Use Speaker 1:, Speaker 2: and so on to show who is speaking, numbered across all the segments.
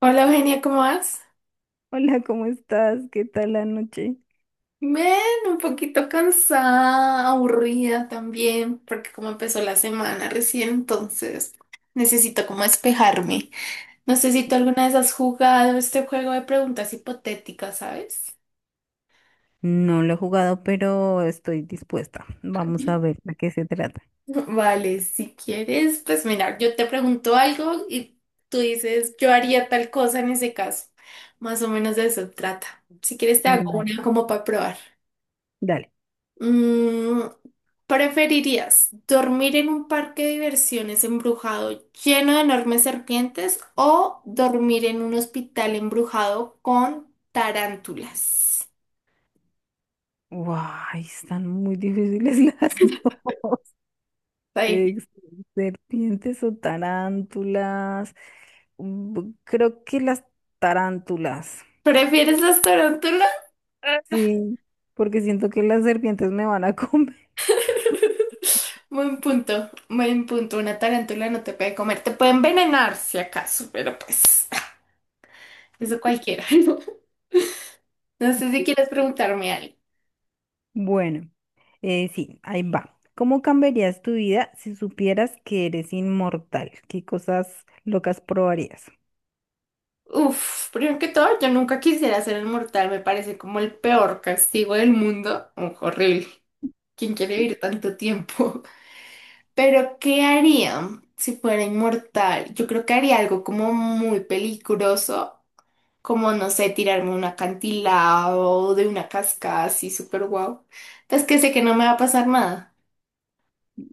Speaker 1: Hola Eugenia, ¿cómo vas?
Speaker 2: Hola, ¿cómo estás? ¿Qué tal la noche?
Speaker 1: Bien, un poquito cansada, aburrida también, porque como empezó la semana recién, entonces necesito como despejarme. No sé si tú alguna vez has jugado este juego de preguntas hipotéticas, ¿sabes?
Speaker 2: No lo he jugado, pero estoy dispuesta. Vamos a ver de qué se trata.
Speaker 1: Vale, si quieres, pues mira, yo te pregunto algo y tú dices, yo haría tal cosa en ese caso. Más o menos de eso trata. Si quieres, te hago
Speaker 2: Vale.
Speaker 1: una como para probar.
Speaker 2: Dale.
Speaker 1: Mm, ¿preferirías dormir en un parque de diversiones embrujado lleno de enormes serpientes o dormir en un hospital embrujado con tarántulas?
Speaker 2: Guay, están muy difíciles las dos.
Speaker 1: Está difícil.
Speaker 2: Ex- Serpientes o tarántulas. Creo que las tarántulas.
Speaker 1: ¿Prefieres las tarántulas?
Speaker 2: Sí, porque siento que las serpientes me van a comer.
Speaker 1: Buen punto, buen punto. Una tarántula no te puede comer, te puede envenenar si acaso, pero pues eso cualquiera. No sé si quieres preguntarme algo.
Speaker 2: Bueno. Sí, ahí va. ¿Cómo cambiarías tu vida si supieras que eres inmortal? ¿Qué cosas locas probarías?
Speaker 1: Uf, primero que todo, yo nunca quisiera ser inmortal, me parece como el peor castigo del mundo. Uf, horrible. ¿Quién quiere vivir tanto tiempo? Pero, ¿qué haría si fuera inmortal? Yo creo que haría algo como muy peligroso, como, no sé, tirarme a un acantilado de una cascada así súper guau. Pues que sé que no me va a pasar nada.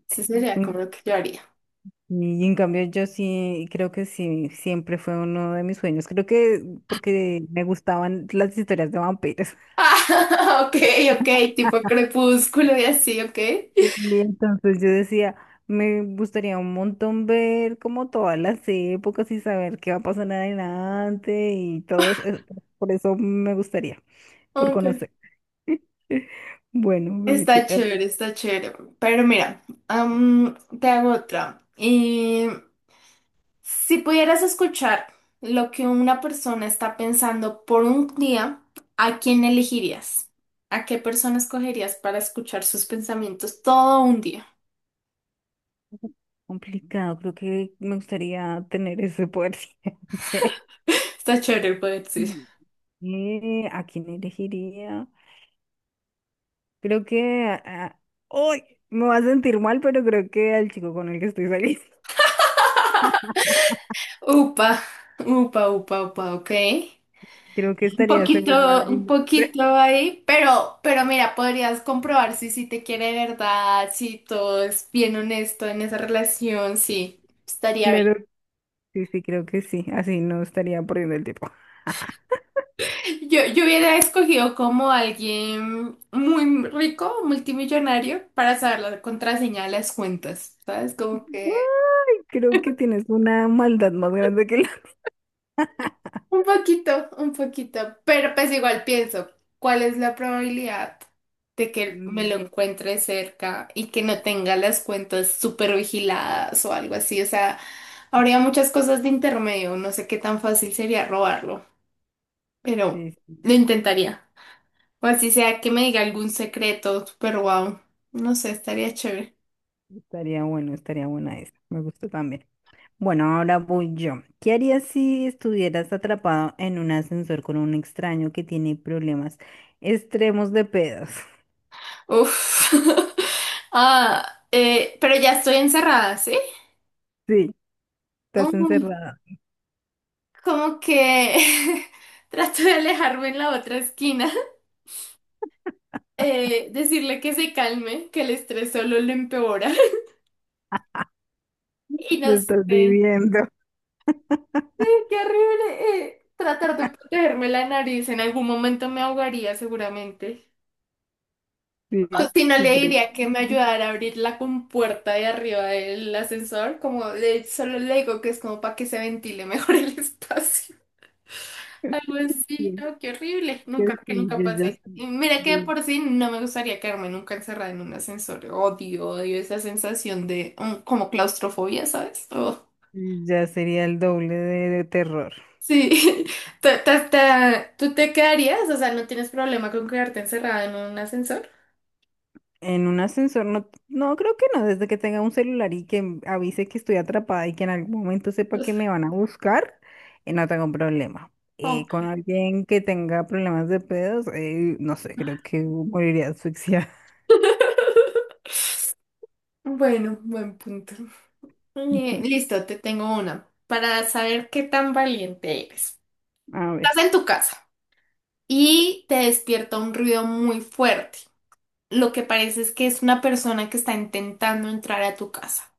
Speaker 1: Eso sería como
Speaker 2: Mm,
Speaker 1: lo que yo haría.
Speaker 2: Y en cambio yo sí creo que sí, siempre fue uno de mis sueños. Creo que porque me gustaban las historias de vampiros.
Speaker 1: Ah, ok, ok, tipo crepúsculo y así, ok.
Speaker 2: Y entonces yo decía, me gustaría un montón ver como todas las épocas y saber qué va a pasar adelante y todo eso. Por eso me gustaría, por
Speaker 1: Ok.
Speaker 2: conocer. Bueno, ve tú.
Speaker 1: Está chévere, está chévere. Pero mira, te hago otra. Y si pudieras escuchar lo que una persona está pensando por un día, ¿a quién elegirías? ¿A qué persona escogerías para escuchar sus pensamientos todo un día?
Speaker 2: Complicado, creo que me gustaría tener ese poder siempre.
Speaker 1: Está chévere el poder, sí.
Speaker 2: Mm. ¿A quién elegiría? Creo que... ¡Ay! Me va a sentir mal, pero creo que al chico con el que estoy saliendo.
Speaker 1: Upa, upa, upa, upa, ok.
Speaker 2: Creo que estaría segura.
Speaker 1: Un poquito ahí, pero mira, podrías comprobar si te quiere de verdad, si todo es bien honesto en esa relación, sí, estaría bien.
Speaker 2: Claro, sí, sí, creo que sí. Así no estaría perdiendo el tiempo.
Speaker 1: Yo hubiera escogido como alguien muy rico, multimillonario, para saber la contraseña de las cuentas, ¿sabes? Como que.
Speaker 2: ¡Ay! Creo que tienes una maldad más grande que la...
Speaker 1: Un poquito, pero pues igual pienso, ¿cuál es la probabilidad de que me lo
Speaker 2: Mm,
Speaker 1: encuentre cerca y que no tenga las cuentas súper vigiladas o algo así? O sea, habría muchas cosas de intermedio, no sé qué tan fácil sería robarlo,
Speaker 2: Sí,
Speaker 1: pero
Speaker 2: sí,
Speaker 1: lo intentaría. O así sea que me diga algún secreto, pero wow, no sé, estaría chévere.
Speaker 2: estaría bueno, estaría buena esa. Me gusta también. Bueno, ahora voy yo. ¿Qué harías si estuvieras atrapado en un ascensor con un extraño que tiene problemas extremos de pedos?
Speaker 1: Uf. Ah, pero ya estoy encerrada, ¿sí?
Speaker 2: Sí, estás
Speaker 1: Oh.
Speaker 2: encerrada,
Speaker 1: Como que trato de alejarme en la otra esquina, decirle que se calme, que el estrés solo lo empeora. Y
Speaker 2: lo
Speaker 1: no sé,
Speaker 2: estás
Speaker 1: sí,
Speaker 2: viviendo.
Speaker 1: qué horrible. Tratar de protegerme la nariz, en algún momento me ahogaría seguramente.
Speaker 2: Sí,
Speaker 1: O si no, le
Speaker 2: sí, creo
Speaker 1: diría
Speaker 2: que
Speaker 1: que me ayudara a abrir la compuerta de arriba del ascensor, como de, solo le digo que es como para que se ventile mejor el espacio. Algo así,
Speaker 2: sí,
Speaker 1: no, qué horrible.
Speaker 2: creo
Speaker 1: Nunca,
Speaker 2: que
Speaker 1: que
Speaker 2: sí,
Speaker 1: nunca
Speaker 2: yo ya,
Speaker 1: pasé. Y mira que de
Speaker 2: yo-
Speaker 1: por sí no me gustaría quedarme nunca encerrada en un ascensor. Odio, odio esa sensación de como claustrofobia, ¿sabes? Oh,
Speaker 2: yo ya sería el doble de terror.
Speaker 1: sí. ¿Tú te quedarías? O sea, ¿no tienes problema con quedarte encerrada en un ascensor?
Speaker 2: En un ascensor, no, no, creo que no, desde que tenga un celular y que avise que estoy atrapada y que en algún momento sepa que me van a buscar. No tengo problema. Con
Speaker 1: Ok.
Speaker 2: alguien que tenga problemas de pedos, no sé, creo que moriría asfixiada.
Speaker 1: Bueno, buen punto. Eh, listo, te tengo una. Para saber qué tan valiente eres.
Speaker 2: A ver.
Speaker 1: Estás en tu casa y te despierta un ruido muy fuerte. Lo que parece es que es una persona que está intentando entrar a tu casa.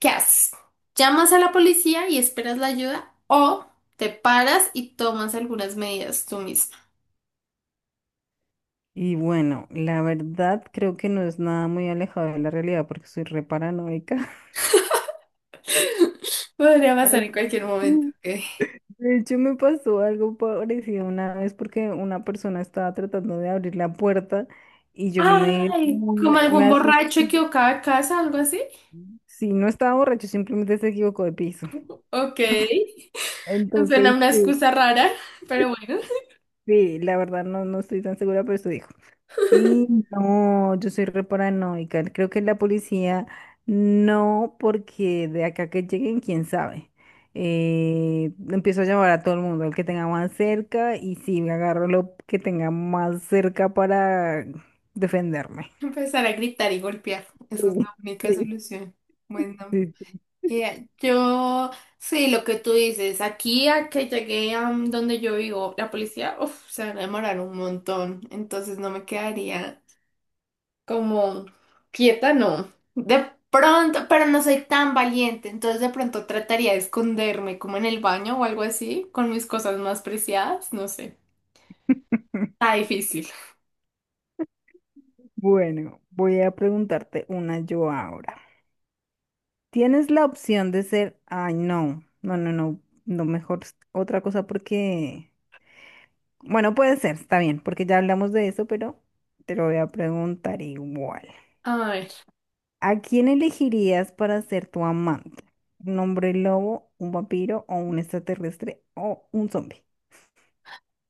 Speaker 1: ¿Qué haces? ¿Llamas a la policía y esperas la ayuda o te paras y tomas algunas medidas tú misma?
Speaker 2: Y bueno, la verdad creo que no es nada muy alejado de la realidad porque soy re paranoica.
Speaker 1: Podría pasar
Speaker 2: Ay,
Speaker 1: en cualquier momento.
Speaker 2: sí.
Speaker 1: Ok.
Speaker 2: De hecho, me pasó algo parecido una vez porque una persona estaba tratando de abrir la puerta y
Speaker 1: Ay, como
Speaker 2: me
Speaker 1: algún
Speaker 2: asusté.
Speaker 1: borracho equivocado de casa, algo así.
Speaker 2: Sí, no estaba borracho, simplemente se equivocó de piso.
Speaker 1: Ok, suena
Speaker 2: Entonces,
Speaker 1: una
Speaker 2: sí,
Speaker 1: excusa rara, pero bueno.
Speaker 2: sí, la verdad no, no estoy tan segura, pero estoy. Y no, yo soy re paranoica. Creo que la policía no, porque de acá que lleguen, quién sabe. Empiezo a llamar a todo el mundo, al que tenga más cerca, y sí, me agarro lo que tenga más cerca para defenderme.
Speaker 1: Empezar a gritar y golpear. Esa es la
Speaker 2: Sí,
Speaker 1: única
Speaker 2: sí,
Speaker 1: solución. Bueno.
Speaker 2: sí, sí.
Speaker 1: Ya, yo, sí, lo que tú dices, aquí a que llegué a donde yo vivo, la policía, uff, se van a demorar un montón, entonces no me quedaría como quieta, no. De pronto, pero no soy tan valiente, entonces de pronto trataría de esconderme como en el baño o algo así, con mis cosas más preciadas, no sé. Está difícil.
Speaker 2: Bueno, voy a preguntarte una yo ahora. ¿Tienes la opción de ser, ay, no, no, no, no, no, mejor otra cosa porque... Bueno, puede ser, está bien, porque ya hablamos de eso, pero te lo voy a preguntar igual.
Speaker 1: A ver,
Speaker 2: ¿A quién elegirías para ser tu amante? ¿Un hombre lobo, un vampiro o un extraterrestre o un zombie?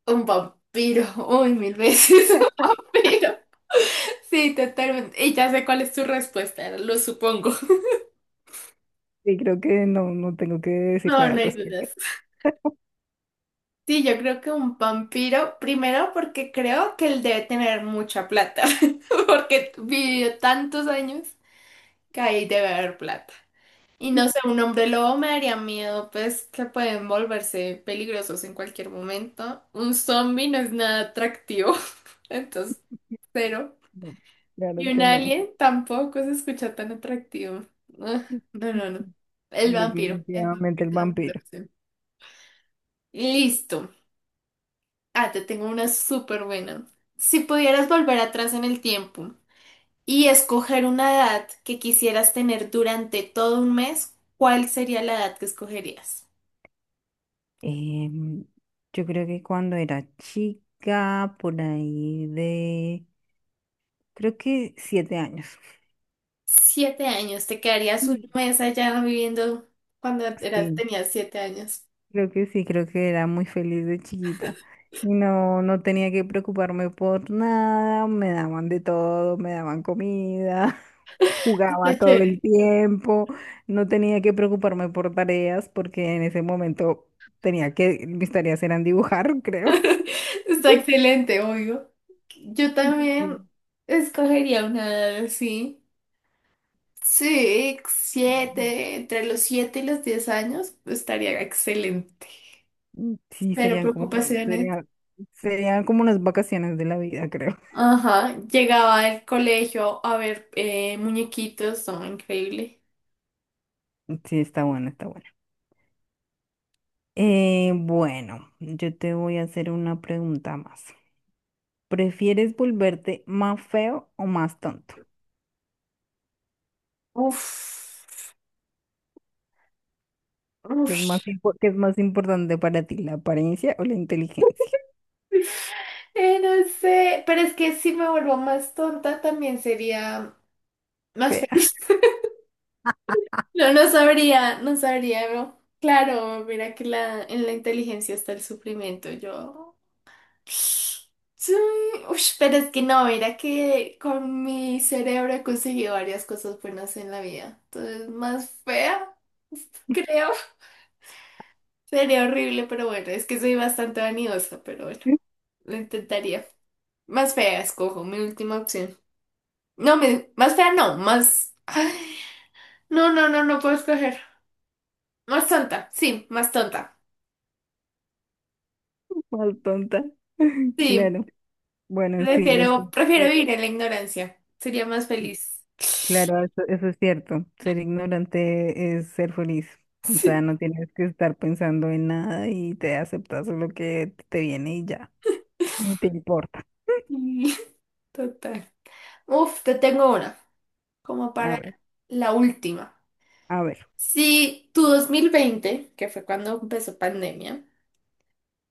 Speaker 1: un vampiro, uy, mil veces un vampiro. Sí, totalmente. Y ya sé cuál es tu respuesta, lo supongo.
Speaker 2: Sí, creo que no, no tengo que decir
Speaker 1: No,
Speaker 2: nada
Speaker 1: no
Speaker 2: al
Speaker 1: hay
Speaker 2: respecto.
Speaker 1: dudas. Sí, yo creo que un vampiro, primero porque creo que él debe tener mucha plata, porque vivió tantos años que ahí debe haber plata. Y no sé, un hombre lobo me daría miedo, pues que pueden volverse peligrosos en cualquier momento. Un zombie no es nada atractivo, entonces cero.
Speaker 2: No, claro
Speaker 1: Y un
Speaker 2: que no.
Speaker 1: alien tampoco se escucha tan atractivo. Ah, no, no, no. El
Speaker 2: Definitivamente
Speaker 1: vampiro
Speaker 2: el
Speaker 1: es la mejor
Speaker 2: vampiro.
Speaker 1: opción. Listo. Ah, te tengo una súper buena. Si pudieras volver atrás en el tiempo y escoger una edad que quisieras tener durante todo un mes, ¿cuál sería la edad que escogerías?
Speaker 2: Em, yo creo que cuando era chica, por ahí de, creo que 7 años.
Speaker 1: 7 años, te quedarías un
Speaker 2: Mm.
Speaker 1: mes allá viviendo cuando eras,
Speaker 2: Sí,
Speaker 1: tenías 7 años.
Speaker 2: creo que sí, creo que era muy feliz de chiquita. Y no, no tenía que preocuparme por nada, me daban de todo, me daban comida, jugaba
Speaker 1: Está
Speaker 2: todo el
Speaker 1: chévere.
Speaker 2: tiempo, no tenía que preocuparme por tareas porque en ese momento tenía que, mis tareas eran dibujar, creo.
Speaker 1: Está excelente, obvio. Yo también escogería una edad así. Sí, siete, entre los 7 y los 10 años, estaría excelente.
Speaker 2: Sí,
Speaker 1: Pero
Speaker 2: serían como,
Speaker 1: preocupaciones.
Speaker 2: sería, serían como unas vacaciones de la vida, creo.
Speaker 1: Ajá, llegaba al colegio a ver muñequitos, son increíble.
Speaker 2: Sí, está bueno, está bueno. Bueno, yo te voy a hacer una pregunta más. ¿Prefieres volverte más feo o más tonto?
Speaker 1: Uf,
Speaker 2: ¿Qué es
Speaker 1: uf.
Speaker 2: más, qué es más importante para ti, la apariencia o la inteligencia?
Speaker 1: No sé, pero es que si me vuelvo más tonta también sería más
Speaker 2: Fea,
Speaker 1: feliz. No, no sabría, no sabría, no. Claro, mira que la, en la inteligencia está el sufrimiento, yo. Sí, ush, pero es que no, mira que con mi cerebro he conseguido varias cosas buenas en la vida. Entonces, más fea, creo. Sería horrible, pero bueno, es que soy bastante vanidosa, pero bueno, lo intentaría. Más fea, escojo mi última opción. No, más fea no, más. Ay, no, no, no, no puedo escoger. Más tonta.
Speaker 2: más tonta.
Speaker 1: Sí,
Speaker 2: Claro. Bueno, sí, los
Speaker 1: prefiero,
Speaker 2: tontos.
Speaker 1: prefiero vivir en la ignorancia. Sería más feliz.
Speaker 2: Claro, eso es cierto. Ser ignorante es ser feliz. O sea, no tienes que estar pensando en nada y te aceptas lo que te viene y ya. Ni te importa.
Speaker 1: Sí, total. Uf, te tengo una, como
Speaker 2: A
Speaker 1: para
Speaker 2: ver,
Speaker 1: la última.
Speaker 2: a ver.
Speaker 1: Si tu 2020, que fue cuando empezó pandemia,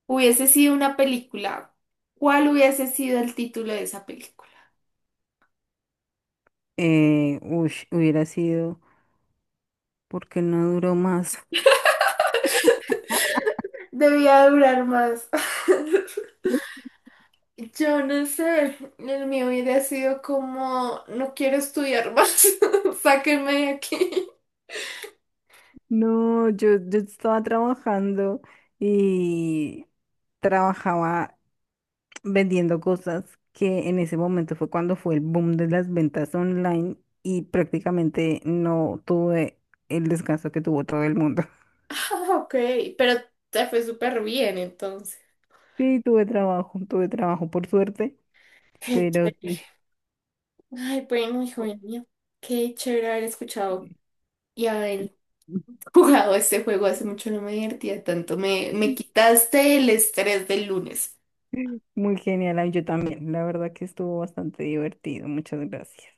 Speaker 1: hubiese sido una película. ¿Cuál hubiese sido el título de esa película?
Speaker 2: Hubiera sido, ¿por qué no duró más?
Speaker 1: Debía durar más. Yo no sé, el mío hubiera sido como, no quiero estudiar más, sáquenme de aquí.
Speaker 2: No, yo estaba trabajando y trabajaba vendiendo cosas que en ese momento fue cuando fue el boom de las ventas online y prácticamente no tuve el descanso que tuvo todo el mundo.
Speaker 1: Ah, ok, pero te fue súper bien entonces.
Speaker 2: Sí, tuve trabajo por suerte,
Speaker 1: Qué
Speaker 2: pero sí.
Speaker 1: chévere. Ay, bueno, hijo mío, qué chévere haber escuchado y haber jugado este juego. Hace mucho no me divertía tanto, me quitaste el estrés del lunes.
Speaker 2: Muy genial, ay, yo también. La verdad que estuvo bastante divertido. Muchas gracias.